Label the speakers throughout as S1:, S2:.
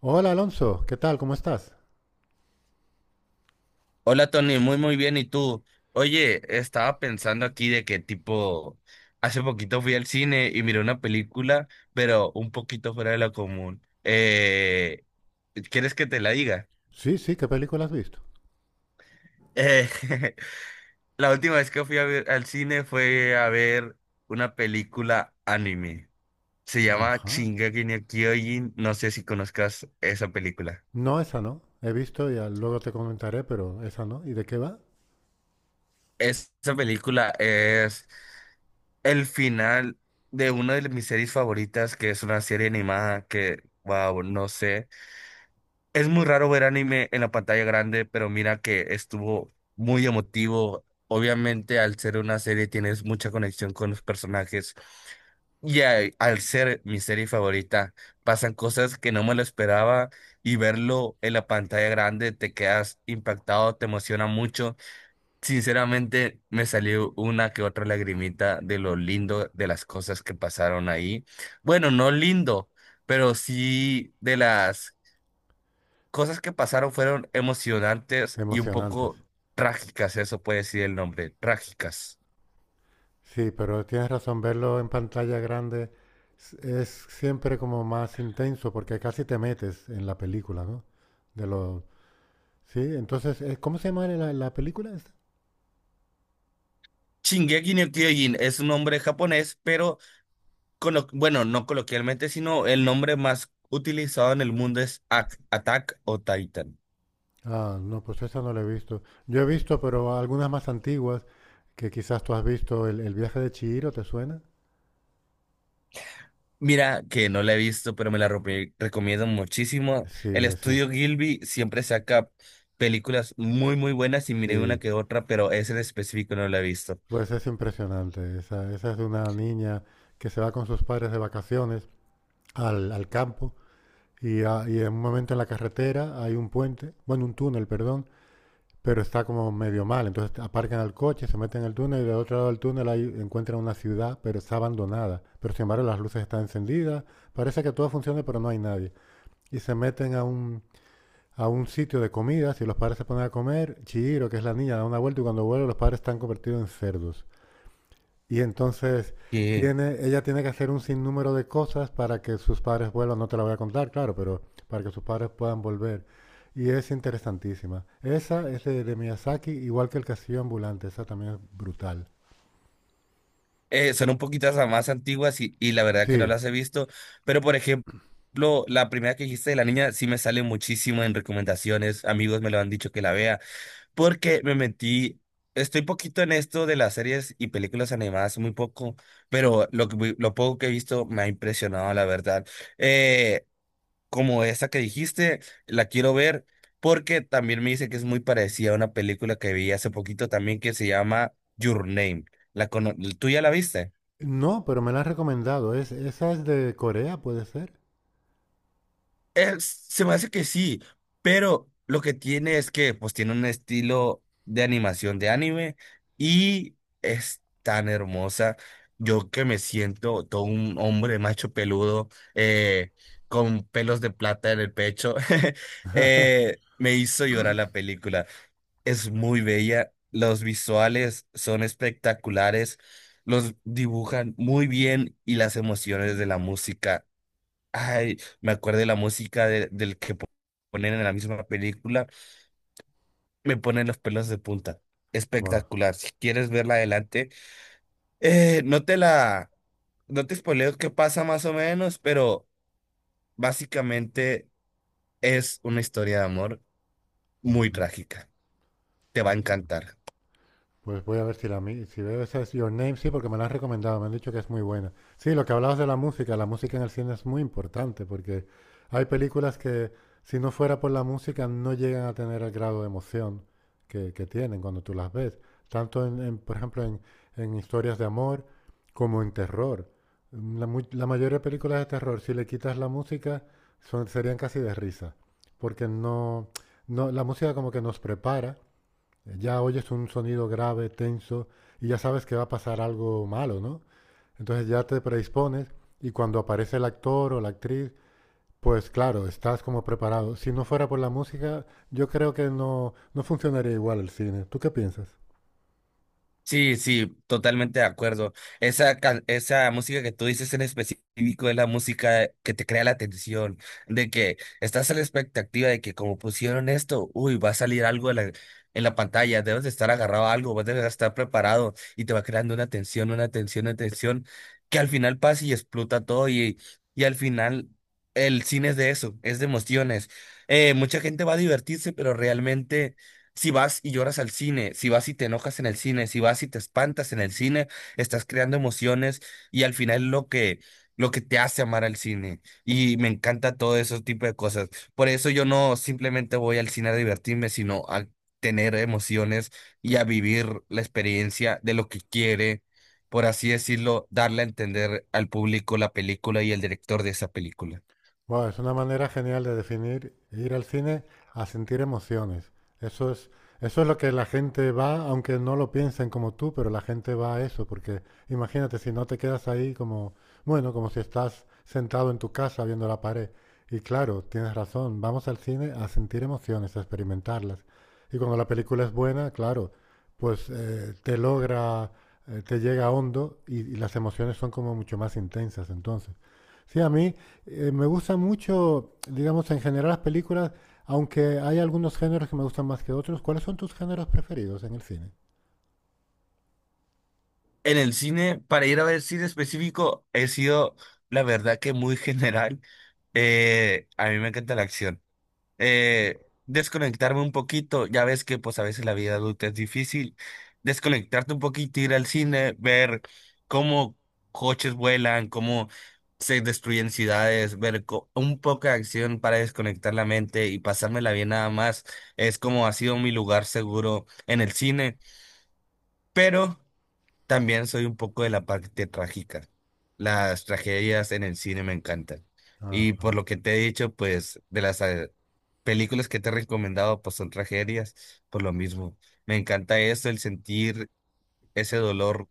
S1: Hola Alonso, ¿qué tal? ¿Cómo estás?
S2: Hola Tony, muy muy bien. ¿Y tú? Oye, estaba pensando aquí de que tipo, hace poquito fui al cine y miré una película, pero un poquito fuera de lo común. ¿Quieres que te la diga?
S1: Sí, sí, ¿qué película has visto?
S2: Eh, la última vez que fui a ver al cine fue a ver una película anime. Se llama
S1: Ajá.
S2: Shingeki no Kyojin. No sé si conozcas esa película.
S1: No, esa no. He visto, ya luego te comentaré, pero esa no. ¿Y de qué va?
S2: Esa película es el final de una de mis series favoritas, que es una serie animada que, wow, no sé. Es muy raro ver anime en la pantalla grande, pero mira que estuvo muy emotivo. Obviamente, al ser una serie tienes mucha conexión con los personajes. Y al ser mi serie favorita, pasan cosas que no me lo esperaba y verlo en la pantalla grande te quedas impactado, te emociona mucho. Sinceramente, me salió una que otra lagrimita de lo lindo de las cosas que pasaron ahí. Bueno, no lindo, pero sí de las cosas que pasaron fueron emocionantes y un
S1: Emocionantes.
S2: poco trágicas, eso puede decir el nombre, trágicas.
S1: Sí, pero tienes razón, verlo en pantalla grande es siempre como más intenso porque casi te metes en la película, ¿no? De lo... Sí, entonces, ¿cómo se llama la película esta?
S2: Shingeki no Kyojin es un nombre japonés, pero bueno, no coloquialmente, sino el nombre más utilizado en el mundo es Attack o Titan.
S1: Ah, no, pues esa no la he visto. Yo he visto, pero algunas más antiguas que quizás tú has visto, el viaje de Chihiro, ¿te suena?
S2: Mira, que no la he visto, pero me la recomiendo muchísimo.
S1: Sí,
S2: El
S1: sí,
S2: estudio Gilby siempre saca películas muy, muy buenas y miré una
S1: sí.
S2: que otra, pero esa en específico no la he visto.
S1: Pues es impresionante. Esa es de una niña que se va con sus padres de vacaciones al campo y, y en un momento en la carretera hay un puente, bueno, un túnel, perdón, pero está como medio mal. Entonces aparcan el coche, se meten en el túnel y del otro lado del túnel hay, encuentran una ciudad, pero está abandonada. Pero sin embargo las luces están encendidas, parece que todo funciona, pero no hay nadie. Y se meten a a un sitio de comidas y los padres se ponen a comer. Chihiro, que es la niña, da una vuelta y cuando vuelve los padres están convertidos en cerdos. Y entonces
S2: Que
S1: tiene, ella tiene que hacer un sinnúmero de cosas para que sus padres vuelvan. No te la voy a contar, claro, pero para que sus padres puedan volver. Y es interesantísima. Esa es de Miyazaki, igual que El Castillo Ambulante. Esa también es brutal.
S2: son un poquito más antiguas y la verdad que no
S1: Sí.
S2: las he visto, pero por ejemplo, la primera que dijiste de la niña sí me sale muchísimo en recomendaciones. Amigos me lo han dicho que la vea. Porque me metí, estoy poquito en esto de las series y películas animadas, muy poco, pero lo poco que he visto me ha impresionado, la verdad. Eh, Como esa que dijiste, la quiero ver porque también me dice que es muy parecida a una película que vi hace poquito también que se llama Your Name. ¿Tú ya la viste?
S1: No, pero me la han recomendado. Es, esa es de Corea, ¿puede ser?
S2: Se me hace que sí, pero lo que tiene es que pues tiene un estilo de animación de anime y es tan hermosa. Yo que me siento todo un hombre macho peludo eh, con pelos de plata en el pecho, me hizo llorar la película. Es muy bella, los visuales son espectaculares, los dibujan muy bien y las emociones de la música. Ay, me acuerdo de la música del que ponen en la misma película, me ponen los pelos de punta.
S1: Guau.
S2: Espectacular. Si quieres verla adelante, eh, no te la, no te spoileo qué pasa más o menos, pero básicamente es una historia de amor muy
S1: Ujú.
S2: trágica. Te va a
S1: Mm.
S2: encantar.
S1: Pues voy a ver si la si veo esa es Your Name, sí, porque me la han recomendado, me han dicho que es muy buena. Sí, lo que hablabas de la música en el cine es muy importante porque hay películas que si no fuera por la música no llegan a tener el grado de emoción que tienen cuando tú las ves. Tanto por ejemplo, en historias de amor como en terror. Mm, la mayoría de películas de terror, si le quitas la música, serían casi de risa, porque no, no, la música como que nos prepara ya oyes un sonido grave, tenso, y ya sabes que va a pasar algo malo, ¿no? Entonces ya te predispones y cuando aparece el actor o la actriz, pues claro, estás como preparado. Si no fuera por la música, yo creo que no, no funcionaría igual el cine. ¿Tú qué piensas?
S2: Sí, sí, totalmente de acuerdo. Esa música que tú dices en específico es la música que te crea la tensión, de que estás a la expectativa de que como pusieron esto, uy, va a salir algo en en la pantalla, debes de estar agarrado a algo, vas a estar preparado y te va creando una tensión, una tensión, una tensión, que al final pasa y explota todo y al final el cine es de eso, es de emociones. Mucha gente va a divertirse, pero realmente... Si vas y lloras al cine, si vas y te enojas en el cine, si vas y te espantas en el cine, estás creando emociones y al final lo que te hace amar al cine. Y me encanta todo ese tipo de cosas. Por eso yo no simplemente voy al cine a divertirme, sino a tener emociones y a vivir la experiencia de lo que quiere, por así decirlo, darle a entender al público la película y el director de esa película.
S1: Bueno, es una manera genial de definir ir al cine a sentir emociones. Eso es, eso es lo que la gente va, aunque no lo piensen como tú, pero la gente va a eso, porque imagínate si no te quedas ahí como, bueno, como si estás sentado en tu casa viendo la pared. Y claro, tienes razón, vamos al cine a sentir emociones, a experimentarlas. Y cuando la película es buena, claro, pues te logra, te llega hondo y las emociones son como mucho más intensas entonces. Sí, a mí me gusta mucho, digamos, en general las películas, aunque hay algunos géneros que me gustan más que otros. ¿Cuáles son tus géneros preferidos en el cine?
S2: En el cine, para ir a ver cine específico, he sido, la verdad que muy general. A mí me encanta la acción. Eh, Desconectarme un poquito, ya ves que pues a veces la vida adulta es difícil. Desconectarte un poquito, ir al cine, ver cómo coches vuelan, cómo se destruyen ciudades, ver un poco de acción para desconectar la mente y pasármela bien nada más. Es como ha sido mi lugar seguro en el cine, pero... También soy un poco de la parte trágica. Las tragedias en el cine me encantan. Y por
S1: Ajá.
S2: lo que te he dicho, pues de las películas que te he recomendado, pues son tragedias, por lo mismo. Me encanta eso, el sentir ese dolor,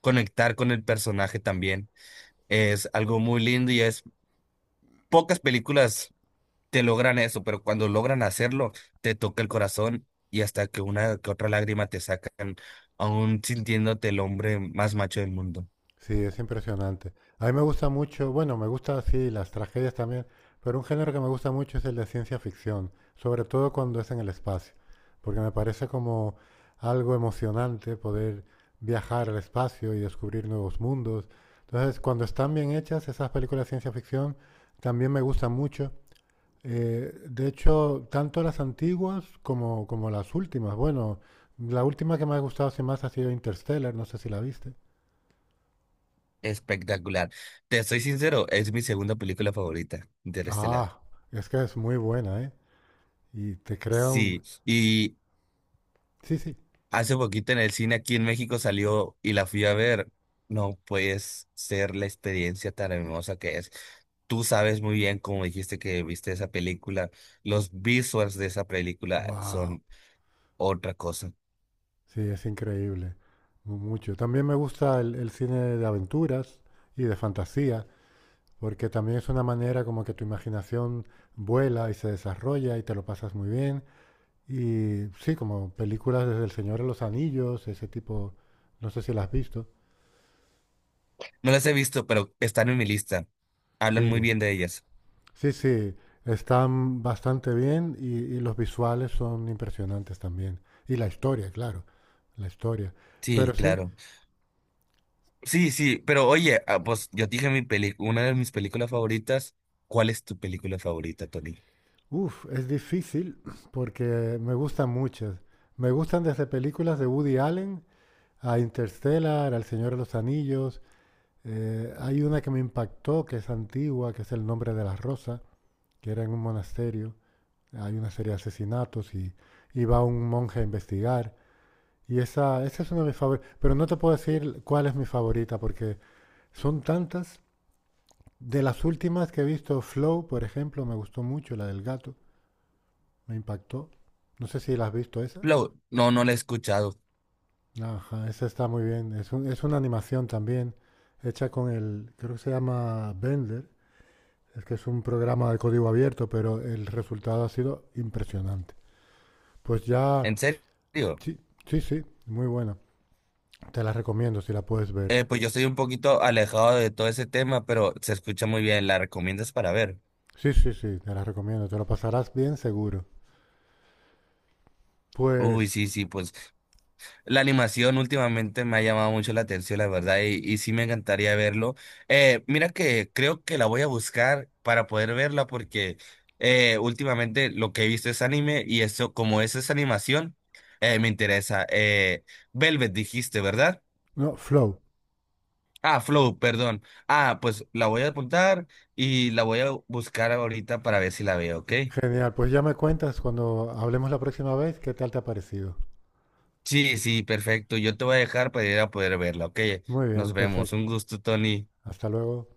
S2: conectar con el personaje también. Es algo muy lindo y es pocas películas te logran eso, pero cuando logran hacerlo, te toca el corazón y hasta que una que otra lágrima te sacan, aún sintiéndote el hombre más macho del mundo.
S1: Sí, es impresionante. A mí me gusta mucho, bueno, me gusta así las tragedias también, pero un género que me gusta mucho es el de ciencia ficción, sobre todo cuando es en el espacio, porque me parece como algo emocionante poder viajar al espacio y descubrir nuevos mundos. Entonces, cuando están bien hechas esas películas de ciencia ficción, también me gustan mucho. De hecho, tanto las antiguas como las últimas. Bueno, la última que me ha gustado así más ha sido Interstellar, no sé si la viste.
S2: Espectacular. Te soy sincero, es mi segunda película favorita, Interestelar.
S1: Ah, es que es muy buena, ¿eh? Y te crea un...
S2: Sí, y
S1: Sí, sí.
S2: hace poquito en el cine aquí en México salió y la fui a ver. No puedes ser la experiencia tan hermosa que es. Tú sabes muy bien, como dijiste que viste esa película, los visuals de esa película
S1: Wow.
S2: son otra cosa.
S1: Sí, es increíble. Mucho. También me gusta el cine de aventuras y de fantasía, porque también es una manera como que tu imaginación vuela y se desarrolla y te lo pasas muy bien. Y sí, como películas desde El Señor de los Anillos, ese tipo, no sé si las has visto.
S2: No las he visto, pero están en mi lista. Hablan muy
S1: Sí,
S2: bien de ellas.
S1: sí, sí, están bastante bien y los visuales son impresionantes también. Y la historia, claro, la historia. Pero
S2: Sí,
S1: sí,
S2: claro. Sí, sí, pero oye, ah, pues yo te dije mi peli, una de mis películas favoritas. ¿Cuál es tu película favorita, Tony?
S1: uff, es difícil porque me gustan muchas. Me gustan desde películas de Woody Allen a Interstellar, al Señor de los Anillos. Hay una que me impactó, que es antigua, que es El nombre de la rosa, que era en un monasterio. Hay una serie de asesinatos y va un monje a investigar. Y esa es una de mis favoritas. Pero no te puedo decir cuál es mi favorita, porque son tantas. De las últimas que he visto, Flow, por ejemplo, me gustó mucho, la del gato, me impactó. No sé si la has visto esa.
S2: Flow, no, no la he escuchado.
S1: Ajá, esa está muy bien. Es una animación también, hecha con el, creo que se llama Blender. Es que es un programa de código abierto, pero el resultado ha sido impresionante. Pues ya,
S2: ¿En serio?
S1: sí, sí, sí, muy bueno. Te la recomiendo si la puedes ver.
S2: Pues yo estoy un poquito alejado de todo ese tema, pero se escucha muy bien. ¿La recomiendas para ver?
S1: Sí, sí, sí, te la recomiendo. Te lo pasarás bien seguro.
S2: Uy,
S1: Pues,
S2: sí, sí, pues. La animación últimamente me ha llamado mucho la atención, la verdad, y sí me encantaría verlo. Mira que creo que la voy a buscar para poder verla porque últimamente lo que he visto es anime y eso, como es esa animación, me interesa. Velvet dijiste, ¿verdad?
S1: no, Flow.
S2: Ah, Flow, perdón. Ah, pues la voy a apuntar y la voy a buscar ahorita para ver si la veo, ¿ok?
S1: Genial. Pues ya me cuentas cuando hablemos la próxima vez qué tal te ha parecido.
S2: Sí, sí, perfecto. Yo te voy a dejar para ir a poder verla, ¿ok?
S1: Muy bien,
S2: Nos vemos.
S1: perfecto.
S2: Un gusto, Tony.
S1: Hasta luego.